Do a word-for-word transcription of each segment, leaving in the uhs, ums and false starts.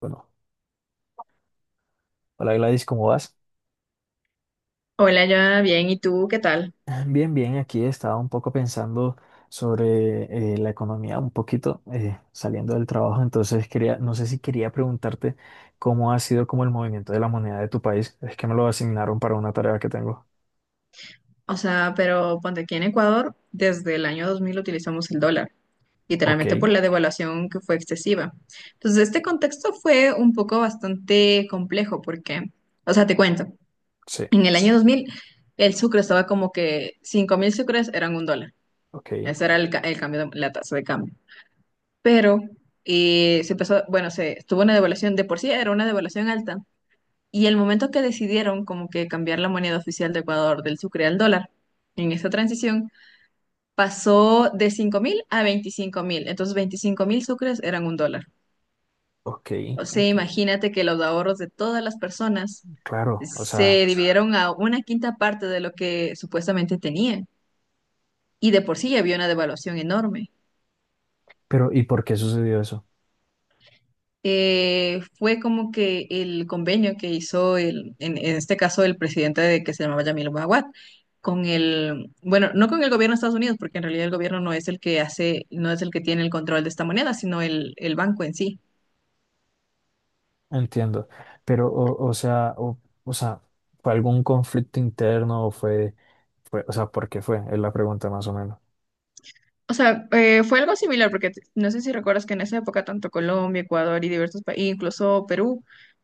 Bueno, hola Gladys, ¿cómo vas? Hola, ya bien, ¿y tú qué tal? Bien, bien, aquí estaba un poco pensando sobre eh, la economía, un poquito eh, saliendo del trabajo, entonces quería, no sé si quería preguntarte cómo ha sido como el movimiento de la moneda de tu país, es que me lo asignaron para una tarea que tengo. O sea, pero ponte aquí en Ecuador, desde el año dos mil utilizamos el dólar, Ok, literalmente por la devaluación que fue excesiva. Entonces, este contexto fue un poco bastante complejo porque, o sea, te cuento, sí, en el año dos mil el sucre estaba como que cinco mil sucres eran un dólar. ok, Ese era el, ca- el cambio de- la tasa de cambio. Pero eh, se empezó, bueno, se tuvo una devaluación, de por sí era una devaluación alta. Y el momento que decidieron como que cambiar la moneda oficial de Ecuador del sucre al dólar, en esta transición, pasó de cinco mil a veinticinco mil. Entonces, veinticinco mil sucres eran un dólar. ok, O sea, enti- imagínate que los ahorros de todas las personas claro, o sea, se dividieron a una quinta parte de lo que supuestamente tenían. Y de por sí ya había una devaluación enorme. pero ¿y por qué sucedió eso? Eh, fue como que el convenio que hizo el, en, en este caso el presidente de, que se llamaba Yamil Maguad, con el, bueno, no con el gobierno de Estados Unidos, porque en realidad el gobierno no es el que hace, no es el que tiene el control de esta moneda, sino el, el banco en sí. Entiendo, pero o, o sea, o, o sea, ¿fue algún conflicto interno o fue, fue, o sea, ¿por qué fue? Es la pregunta más o menos. O sea, eh, fue algo similar, porque t- no sé si recuerdas que en esa época tanto Colombia, Ecuador y diversos países, incluso Perú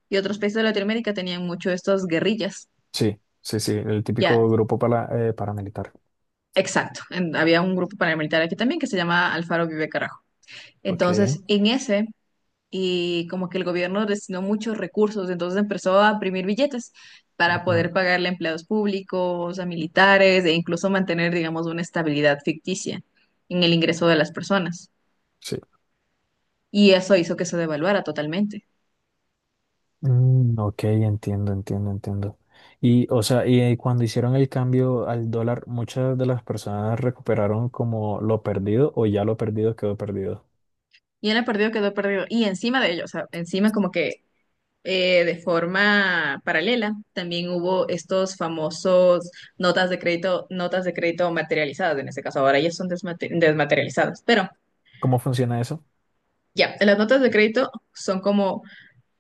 y otros países de Latinoamérica tenían mucho estas guerrillas. Sí, sí, sí, el Ya, típico grupo para, eh, paramilitar. exacto. En- había un grupo paramilitar aquí también que se llama Alfaro Vive Carajo. Ok. Entonces, en ese, y como que el gobierno destinó muchos recursos, entonces empezó a imprimir billetes para Ajá, poder pagarle a empleados públicos, a militares e incluso mantener, digamos, una estabilidad ficticia en el ingreso de las personas. sí. Y eso hizo que se devaluara totalmente. Mm, ok, entiendo, entiendo, entiendo. Y, o sea, y eh, cuando hicieron el cambio al dólar, ¿muchas de las personas recuperaron como lo perdido o ya lo perdido quedó perdido? Y él ha perdido, quedó perdido. Y encima de ello, o sea, encima como que eh, de forma paralela, también hubo estos famosos notas de crédito, notas de crédito materializadas, en este caso ahora ya son desmate- desmaterializadas, pero... ¿Cómo funciona eso? Ya, las notas de crédito son como,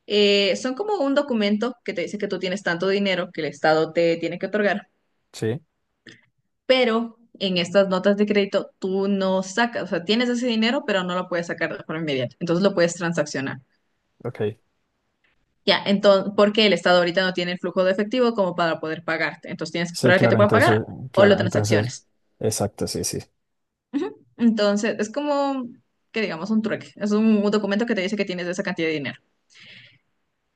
eh, son como un documento que te dice que tú tienes tanto dinero que el Estado te tiene que otorgar, Sí, pero en estas notas de crédito tú no sacas, o sea, tienes ese dinero, pero no lo puedes sacar de forma inmediata, entonces lo puedes transaccionar. ok. Ya, entonces, porque el Estado ahorita no tiene el flujo de efectivo como para poder pagarte, entonces tienes que Sí, esperar a que te claro, puedan pagar entonces, o lo claro, entonces, transacciones. exacto, sí, sí. Ujú. Entonces, es como que digamos un trueque, es un, un documento que te dice que tienes esa cantidad de dinero.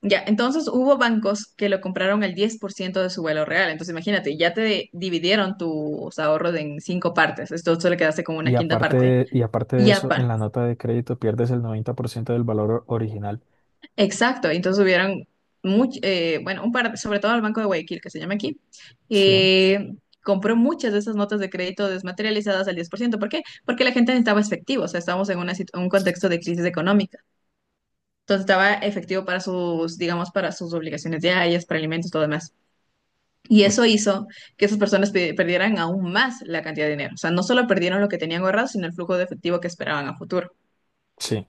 Ya, entonces hubo bancos que lo compraron al diez por ciento de su valor real. Entonces imagínate, ya te dividieron tus ahorros en cinco partes. Esto solo quedaste con una Y quinta aparte parte. de, y aparte Y de ya, eso, en pa. la nota de crédito pierdes el noventa por ciento del valor original. Exacto. Entonces hubieron, much- eh, bueno, un par, sobre todo el Banco de Guayaquil, que se llama aquí, Sí, eh, compró muchas de esas notas de crédito desmaterializadas al diez por ciento. ¿Por ciento? ¿Por qué? Porque la gente necesitaba efectivo. O sea, estábamos en una situ- un contexto de crisis económica. Entonces estaba efectivo para sus, digamos, para sus obligaciones diarias, para alimentos, todo demás. Y o- eso hizo que esas personas pe- perdieran aún más la cantidad de dinero. O sea, no solo perdieron lo que tenían ahorrado, sino el flujo de efectivo que esperaban a futuro. sí.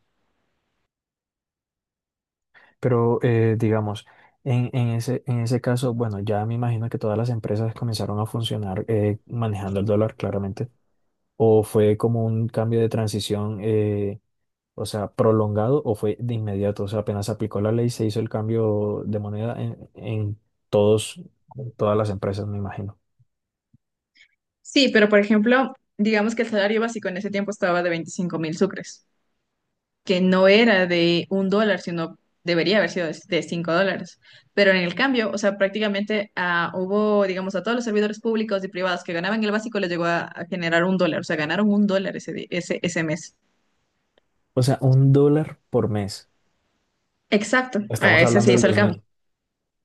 Pero eh, digamos, en, en ese, en ese caso, bueno, ya me imagino que todas las empresas comenzaron a funcionar eh, manejando el dólar, claramente. ¿O fue como un cambio de transición, eh, o sea, prolongado, o fue de inmediato? O sea, apenas aplicó la ley, se hizo el cambio de moneda en, en todos, todas las empresas, me imagino. Sí, pero por ejemplo, digamos que el salario básico en ese tiempo estaba de veinticinco mil sucres, que no era de un dólar, sino debería haber sido de de cinco dólares. Pero en el cambio, o sea, prácticamente ah, hubo, digamos, a todos los servidores públicos y privados que ganaban el básico les llegó a, a generar un dólar. O sea, ganaron un dólar ese, di- ese, ese mes. O sea, un dólar por mes. Exacto, a Estamos ese hablando se del hizo el cambio. dos mil.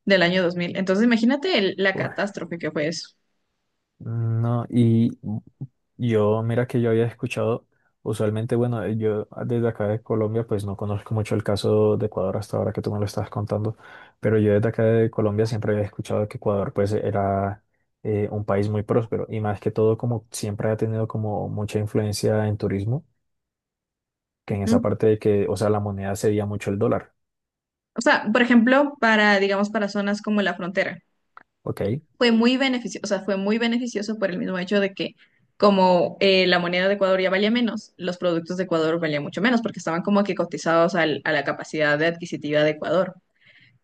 Del año dos mil. Entonces, imagínate el- la Uf, catástrofe que fue eso. no, y Yo, mira que yo había escuchado, usualmente, bueno, eh, yo desde acá de Colombia, pues no conozco mucho el caso de Ecuador hasta ahora que tú me lo estabas contando, pero yo desde acá de Colombia siempre había escuchado que Ecuador, pues, era eh, un país muy próspero y más que todo, como siempre ha tenido como mucha influencia en turismo, que en esa Ujú. parte de que, o sea, la moneda sería mucho el dólar, O sea, por ejemplo, para, digamos, para zonas como la frontera, ¿ok? fue muy beneficioso, o sea, fue muy beneficioso por el mismo hecho de que como eh, la moneda de Ecuador ya valía menos, los productos de Ecuador valían mucho menos porque estaban como que cotizados al- a la capacidad de adquisitiva de Ecuador.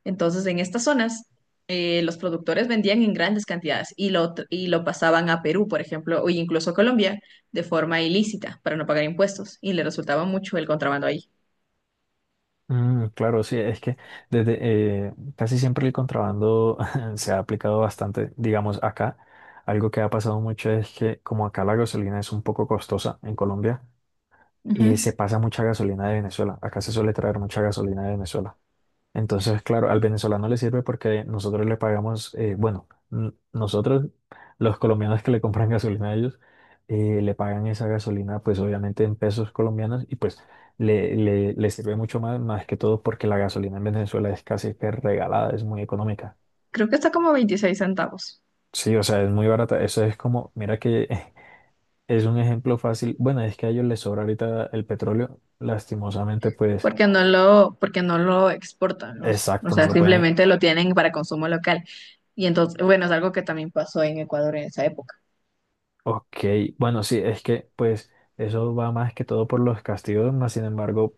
Entonces, en estas zonas, eh, los productores vendían en grandes cantidades y lo, tr- y lo pasaban a Perú, por ejemplo, o incluso a Colombia, de forma ilícita para no pagar impuestos y le resultaba mucho el contrabando ahí. Mm, claro, sí, es que desde eh, casi siempre el contrabando se ha aplicado bastante, digamos, acá. Algo que ha pasado mucho es que como acá la gasolina es un poco costosa en Colombia, eh, Ujú. se pasa mucha gasolina de Venezuela. Acá se suele traer mucha gasolina de Venezuela. Entonces, claro, al venezolano le sirve porque nosotros le pagamos, eh, bueno, n- nosotros, los colombianos que le compran gasolina a ellos, eh, le pagan esa gasolina, pues obviamente en pesos colombianos y pues le, le, le sirve mucho más, más que todo porque la gasolina en Venezuela es casi que regalada, es muy económica. Creo que está como veintiséis centavos, Sí, o sea, es muy barata. Eso es como, mira que es un ejemplo fácil. Bueno, es que a ellos les sobra ahorita el petróleo, lastimosamente, pues, porque no lo, porque no lo exportan, ¿no? O exacto, no sea, lo pueden. simplemente lo tienen para consumo local. Y entonces, bueno, es algo que también pasó en Ecuador en esa época. Ok, bueno, sí, es que pues eso va más que todo por los castigos, más sin embargo,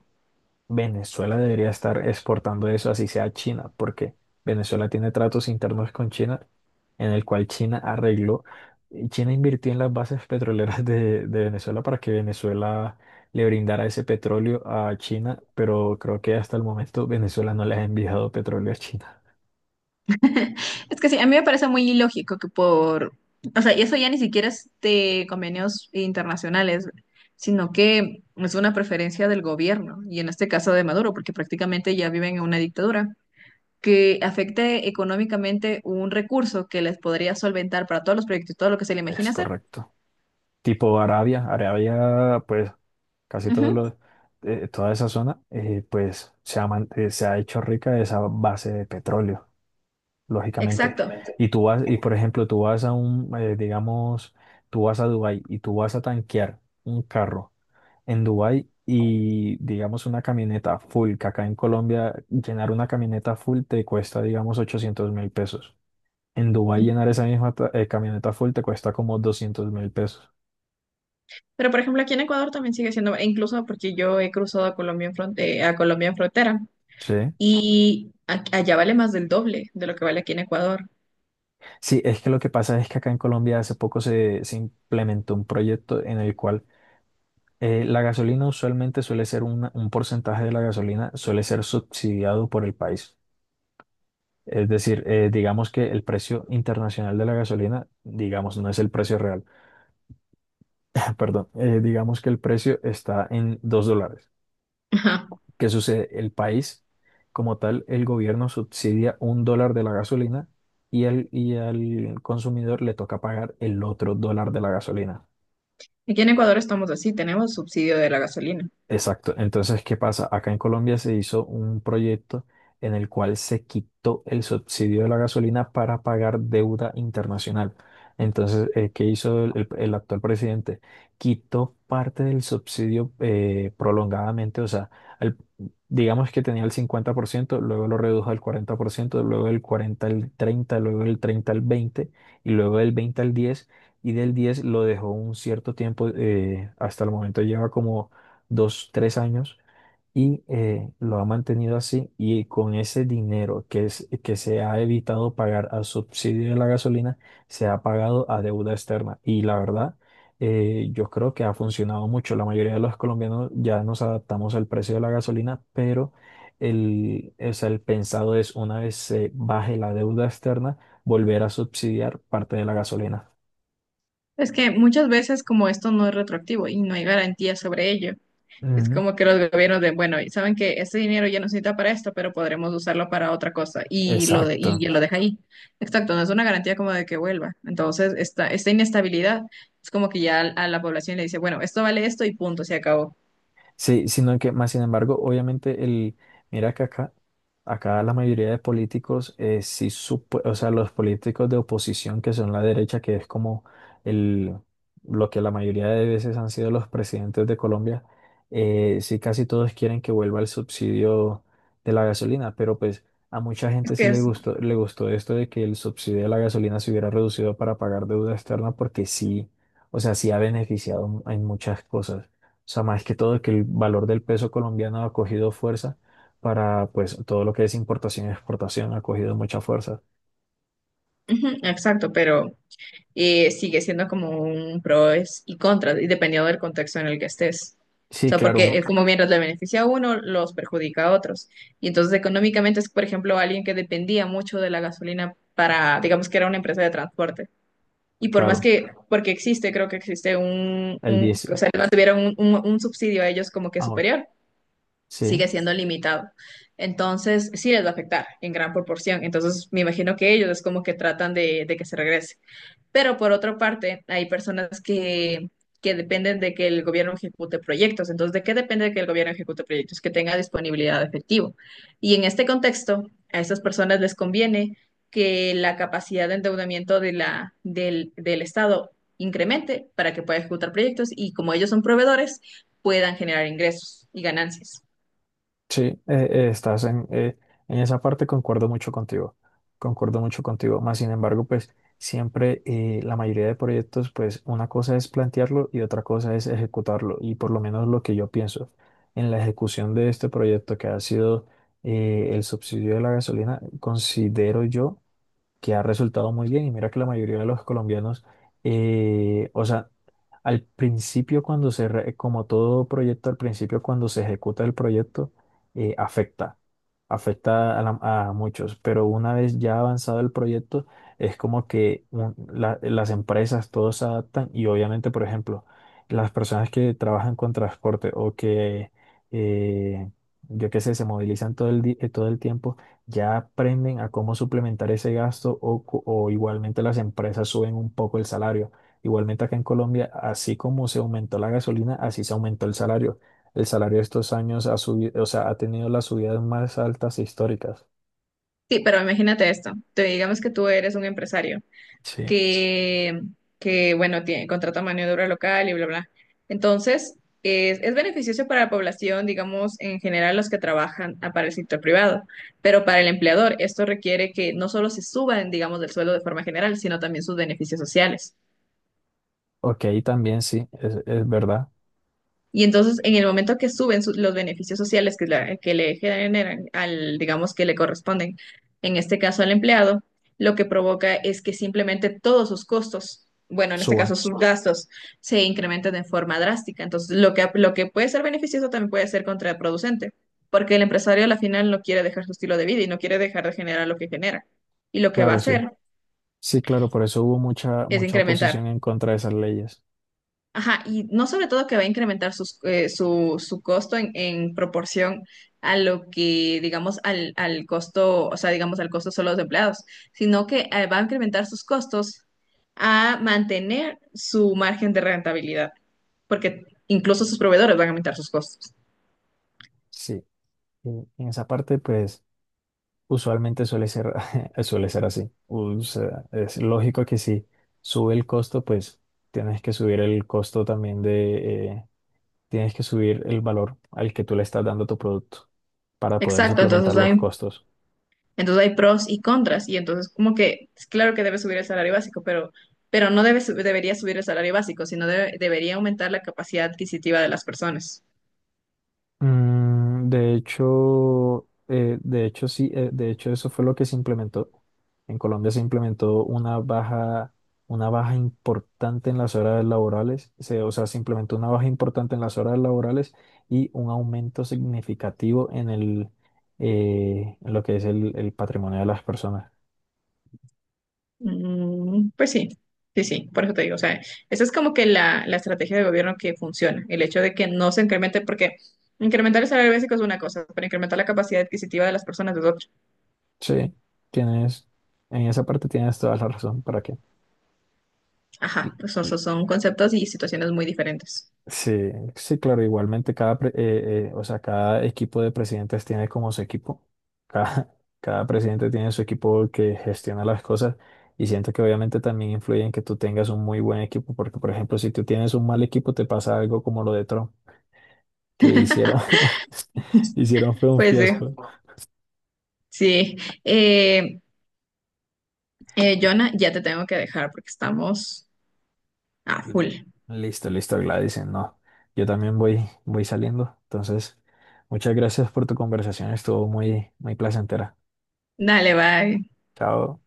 Venezuela debería estar exportando eso así sea a China, porque Venezuela tiene tratos internos con China, en el cual China arregló, y China invirtió en las bases petroleras de, de Venezuela para que Venezuela le brindara ese petróleo a China, pero creo que hasta el momento Venezuela no le ha enviado petróleo a China. Es que sí, a mí me parece muy ilógico que por, o sea, y eso ya ni siquiera es de convenios internacionales, sino que es una preferencia del gobierno, y en este caso de Maduro, porque prácticamente ya viven en una dictadura, que afecte económicamente un recurso que les podría solventar para todos los proyectos y todo lo que se le Es imagina hacer. correcto. Tipo Arabia, Arabia pues casi todo Ujú, lo- eh, toda esa zona, eh, pues se ha, man- eh, se ha hecho rica de esa base de petróleo, lógicamente. exacto. Y tú vas, y por ejemplo, tú vas a un, eh, digamos, tú vas a Dubái y tú vas a tanquear un carro en Dubái y, digamos, una camioneta full, que acá en Colombia llenar una camioneta full te cuesta, digamos, ochocientos mil pesos. En Dubái Ujú. llenar esa misma ta- eh, camioneta full te cuesta como doscientos mil pesos. Pero por ejemplo, aquí en Ecuador también sigue siendo, e incluso porque yo he cruzado a Colombia en fronte- a Colombia en frontera Sí. y a- allá vale más del doble de lo que vale aquí en Ecuador. Sí, es que lo que pasa es que acá en Colombia hace poco se, se implementó un proyecto en el cual eh, la gasolina usualmente suele ser una- un porcentaje de la gasolina, suele ser subsidiado por el país. Es decir, eh, digamos que el precio internacional de la gasolina, digamos, no es el precio real, perdón, eh, digamos que el precio está en dos dólares. Ajá. ¿Qué sucede? El país, como tal, el gobierno subsidia un dólar de la gasolina y, el, y al consumidor le toca pagar el otro dólar de la gasolina. Aquí en Ecuador estamos así, tenemos subsidio de la gasolina. Exacto. Entonces, ¿qué pasa? Acá en Colombia se hizo un proyecto en el cual se quitó el subsidio de la gasolina para pagar deuda internacional. Entonces, eh, ¿qué hizo el, el- el actual presidente? Quitó parte del subsidio eh, prolongadamente, o sea, al- digamos que tenía el cincuenta por ciento, luego lo redujo al cuarenta por ciento, luego del cuarenta al treinta, luego del treinta al veinte y luego del veinte al diez y del diez lo dejó un cierto tiempo, eh, hasta el momento lleva como dos, tres años y eh, lo ha mantenido así y con ese dinero que, es, que se ha evitado pagar al subsidio de la gasolina, se ha pagado a deuda externa. Y la verdad, eh, yo creo que ha funcionado mucho. La mayoría de los colombianos ya nos adaptamos al precio de la gasolina, pero el, o sea, el pensado es una vez se baje la deuda externa, volver a subsidiar parte de la gasolina. Es que muchas veces como esto no es retroactivo y no hay garantía sobre ello. Es Ujú. como que los gobiernos de, bueno, saben que este dinero ya no se necesita para esto, pero podremos usarlo para otra cosa y lo, de, y Exacto. lo deja ahí. Exacto, no es una garantía como de que vuelva. Entonces, esta, esta inestabilidad es como que ya a la población le dice, bueno, esto vale esto y punto, se acabó. Sí, sino que más sin embargo, obviamente el, mira que acá, acá la mayoría de políticos, eh, sí supo- o sea, los políticos de oposición que son la derecha, que es como el, lo que la mayoría de veces han sido los presidentes de Colombia, eh, sí casi todos quieren que vuelva el subsidio de la gasolina, pero pues a mucha Es gente que sí le es, gustó, le gustó esto de que el subsidio de la gasolina se hubiera reducido para pagar deuda externa, porque sí, o sea, sí ha beneficiado en muchas cosas. O sea, más que todo que el valor del peso colombiano ha cogido fuerza para, pues, todo lo que es importación y exportación ha cogido mucha fuerza. ujú, exacto, pero eh, sigue siendo como un pros y contras, y dependiendo del contexto en el que estés. O Sí, sea, claro, porque eh, ok, un- como mientras le beneficia a uno, los perjudica a otros. Y entonces económicamente es, por ejemplo, alguien que dependía mucho de la gasolina para, digamos que era una empresa de transporte. Y por más claro, que, porque existe, creo que existe un, el un- diez o sea, no tuvieron un, un- un subsidio a ellos como que ah, ok, superior, sí. sigue siendo limitado. Entonces, sí les va a afectar en gran proporción. Entonces, me imagino que ellos es como que tratan de de que se regrese. Pero por otra parte, hay personas que, que dependen de que el gobierno ejecute proyectos. Entonces, ¿de qué depende de que el gobierno ejecute proyectos? Que tenga disponibilidad de efectivo. Y en este contexto, a estas personas les conviene que la capacidad de endeudamiento de la, del, del Estado incremente para que pueda ejecutar proyectos y, como ellos son proveedores, puedan generar ingresos y ganancias. Sí, eh, eh, estás en, eh, en esa parte, concuerdo mucho contigo, concuerdo mucho contigo, más sin embargo, pues siempre eh, la mayoría de proyectos, pues una cosa es plantearlo y otra cosa es ejecutarlo, y por lo menos lo que yo pienso en la ejecución de este proyecto que ha sido eh, el subsidio de la gasolina, considero yo que ha resultado muy bien. Y mira que la mayoría de los colombianos, eh, o sea, al principio cuando se, re- como todo proyecto, al principio cuando se ejecuta el proyecto, eh, afecta, afecta a, la- a muchos, pero una vez ya avanzado el proyecto, es como que un- la- las empresas, todos se adaptan y obviamente, por ejemplo, las personas que trabajan con transporte o que, eh, yo qué sé, se movilizan todo el, di- eh, todo el tiempo ya aprenden a cómo suplementar ese gasto o, co- o igualmente las empresas suben un poco el salario. Igualmente acá en Colombia, así como se aumentó la gasolina, así se aumentó el salario. El salario estos años ha subido, o sea, ha tenido las subidas más altas históricas. Sí, pero imagínate esto. Te digamos que tú eres un empresario Sí. que, que bueno, tiene, contrata mano de obra local y bla, bla. Entonces, es, es beneficioso para la población, digamos, en general los que trabajan ah, para el sector privado, pero para el empleador esto requiere que no solo se suban, digamos, del sueldo de forma general, sino también sus beneficios sociales. Ok, también sí, es, es verdad, Y entonces, en el momento que suben su- los beneficios sociales que, la- que le generan al, digamos, que le corresponden, en este caso al empleado, lo que provoca es que simplemente todos sus costos, bueno, en este suban, caso sus gastos, se incrementan de forma drástica. Entonces, lo que, lo que puede ser beneficioso también puede ser contraproducente, porque el empresario al final no quiere dejar su estilo de vida y no quiere dejar de generar lo que genera. Y lo que va a claro, sí. hacer Sí, claro, por eso hubo mucha, es mucha incrementar. oposición en contra de esas leyes. Ajá, y no sobre todo que va a incrementar sus, eh, su, su costo en, en proporción a lo que, digamos, al, al costo, o sea, digamos, al costo solo de los empleados, sino que eh, va a incrementar sus costos a mantener su margen de rentabilidad, porque incluso sus proveedores van a aumentar sus costos. Sí, y en esa parte, pues... Usualmente suele ser, suele ser así. O sea, es lógico que si sube el costo, pues tienes que subir el costo también de, eh, tienes que subir el valor al que tú le estás dando a tu producto para poder Exacto, suplementar entonces los hay, costos. entonces hay pros y contras, y entonces como que, es claro que debe subir el salario básico, pero, pero no debe, su- debería subir el salario básico, sino debe- debería aumentar la capacidad adquisitiva de las personas. Mm, de hecho, eh, de hecho sí, eh, de hecho eso fue lo que se implementó. En Colombia se implementó una baja, una baja importante en las horas laborales, se- o sea, se implementó una baja importante en las horas laborales y un aumento significativo en el, eh, en lo que es el, el patrimonio de las personas. Mm, pues sí, sí, sí, por eso te digo, o sea, esa es como que la, la estrategia de gobierno que funciona, el hecho de que no se incremente, porque incrementar el salario básico es una cosa, pero incrementar la capacidad adquisitiva de las personas es otra. Sí, tienes, en esa parte tienes toda la razón, ¿para qué? Ajá, pues son, son son conceptos y situaciones muy diferentes. Sí, sí, claro, igualmente cada, pre- eh, eh, o sea, cada equipo de presidentes tiene como su equipo, cada, cada presidente tiene su equipo que gestiona las cosas y siento que obviamente también influye en que tú tengas un muy buen equipo, porque por ejemplo, si tú tienes un mal equipo te pasa algo como lo de Trump, que hicieron, hicieron fue un Pues eh, fiasco. sí, eh, eh, Jonah, ya te tengo que dejar porque estamos a full. L- Listo, listo, Gladys, no, yo también voy, voy saliendo, entonces muchas gracias por tu conversación, estuvo muy, muy placentera. Dale, bye. Chao.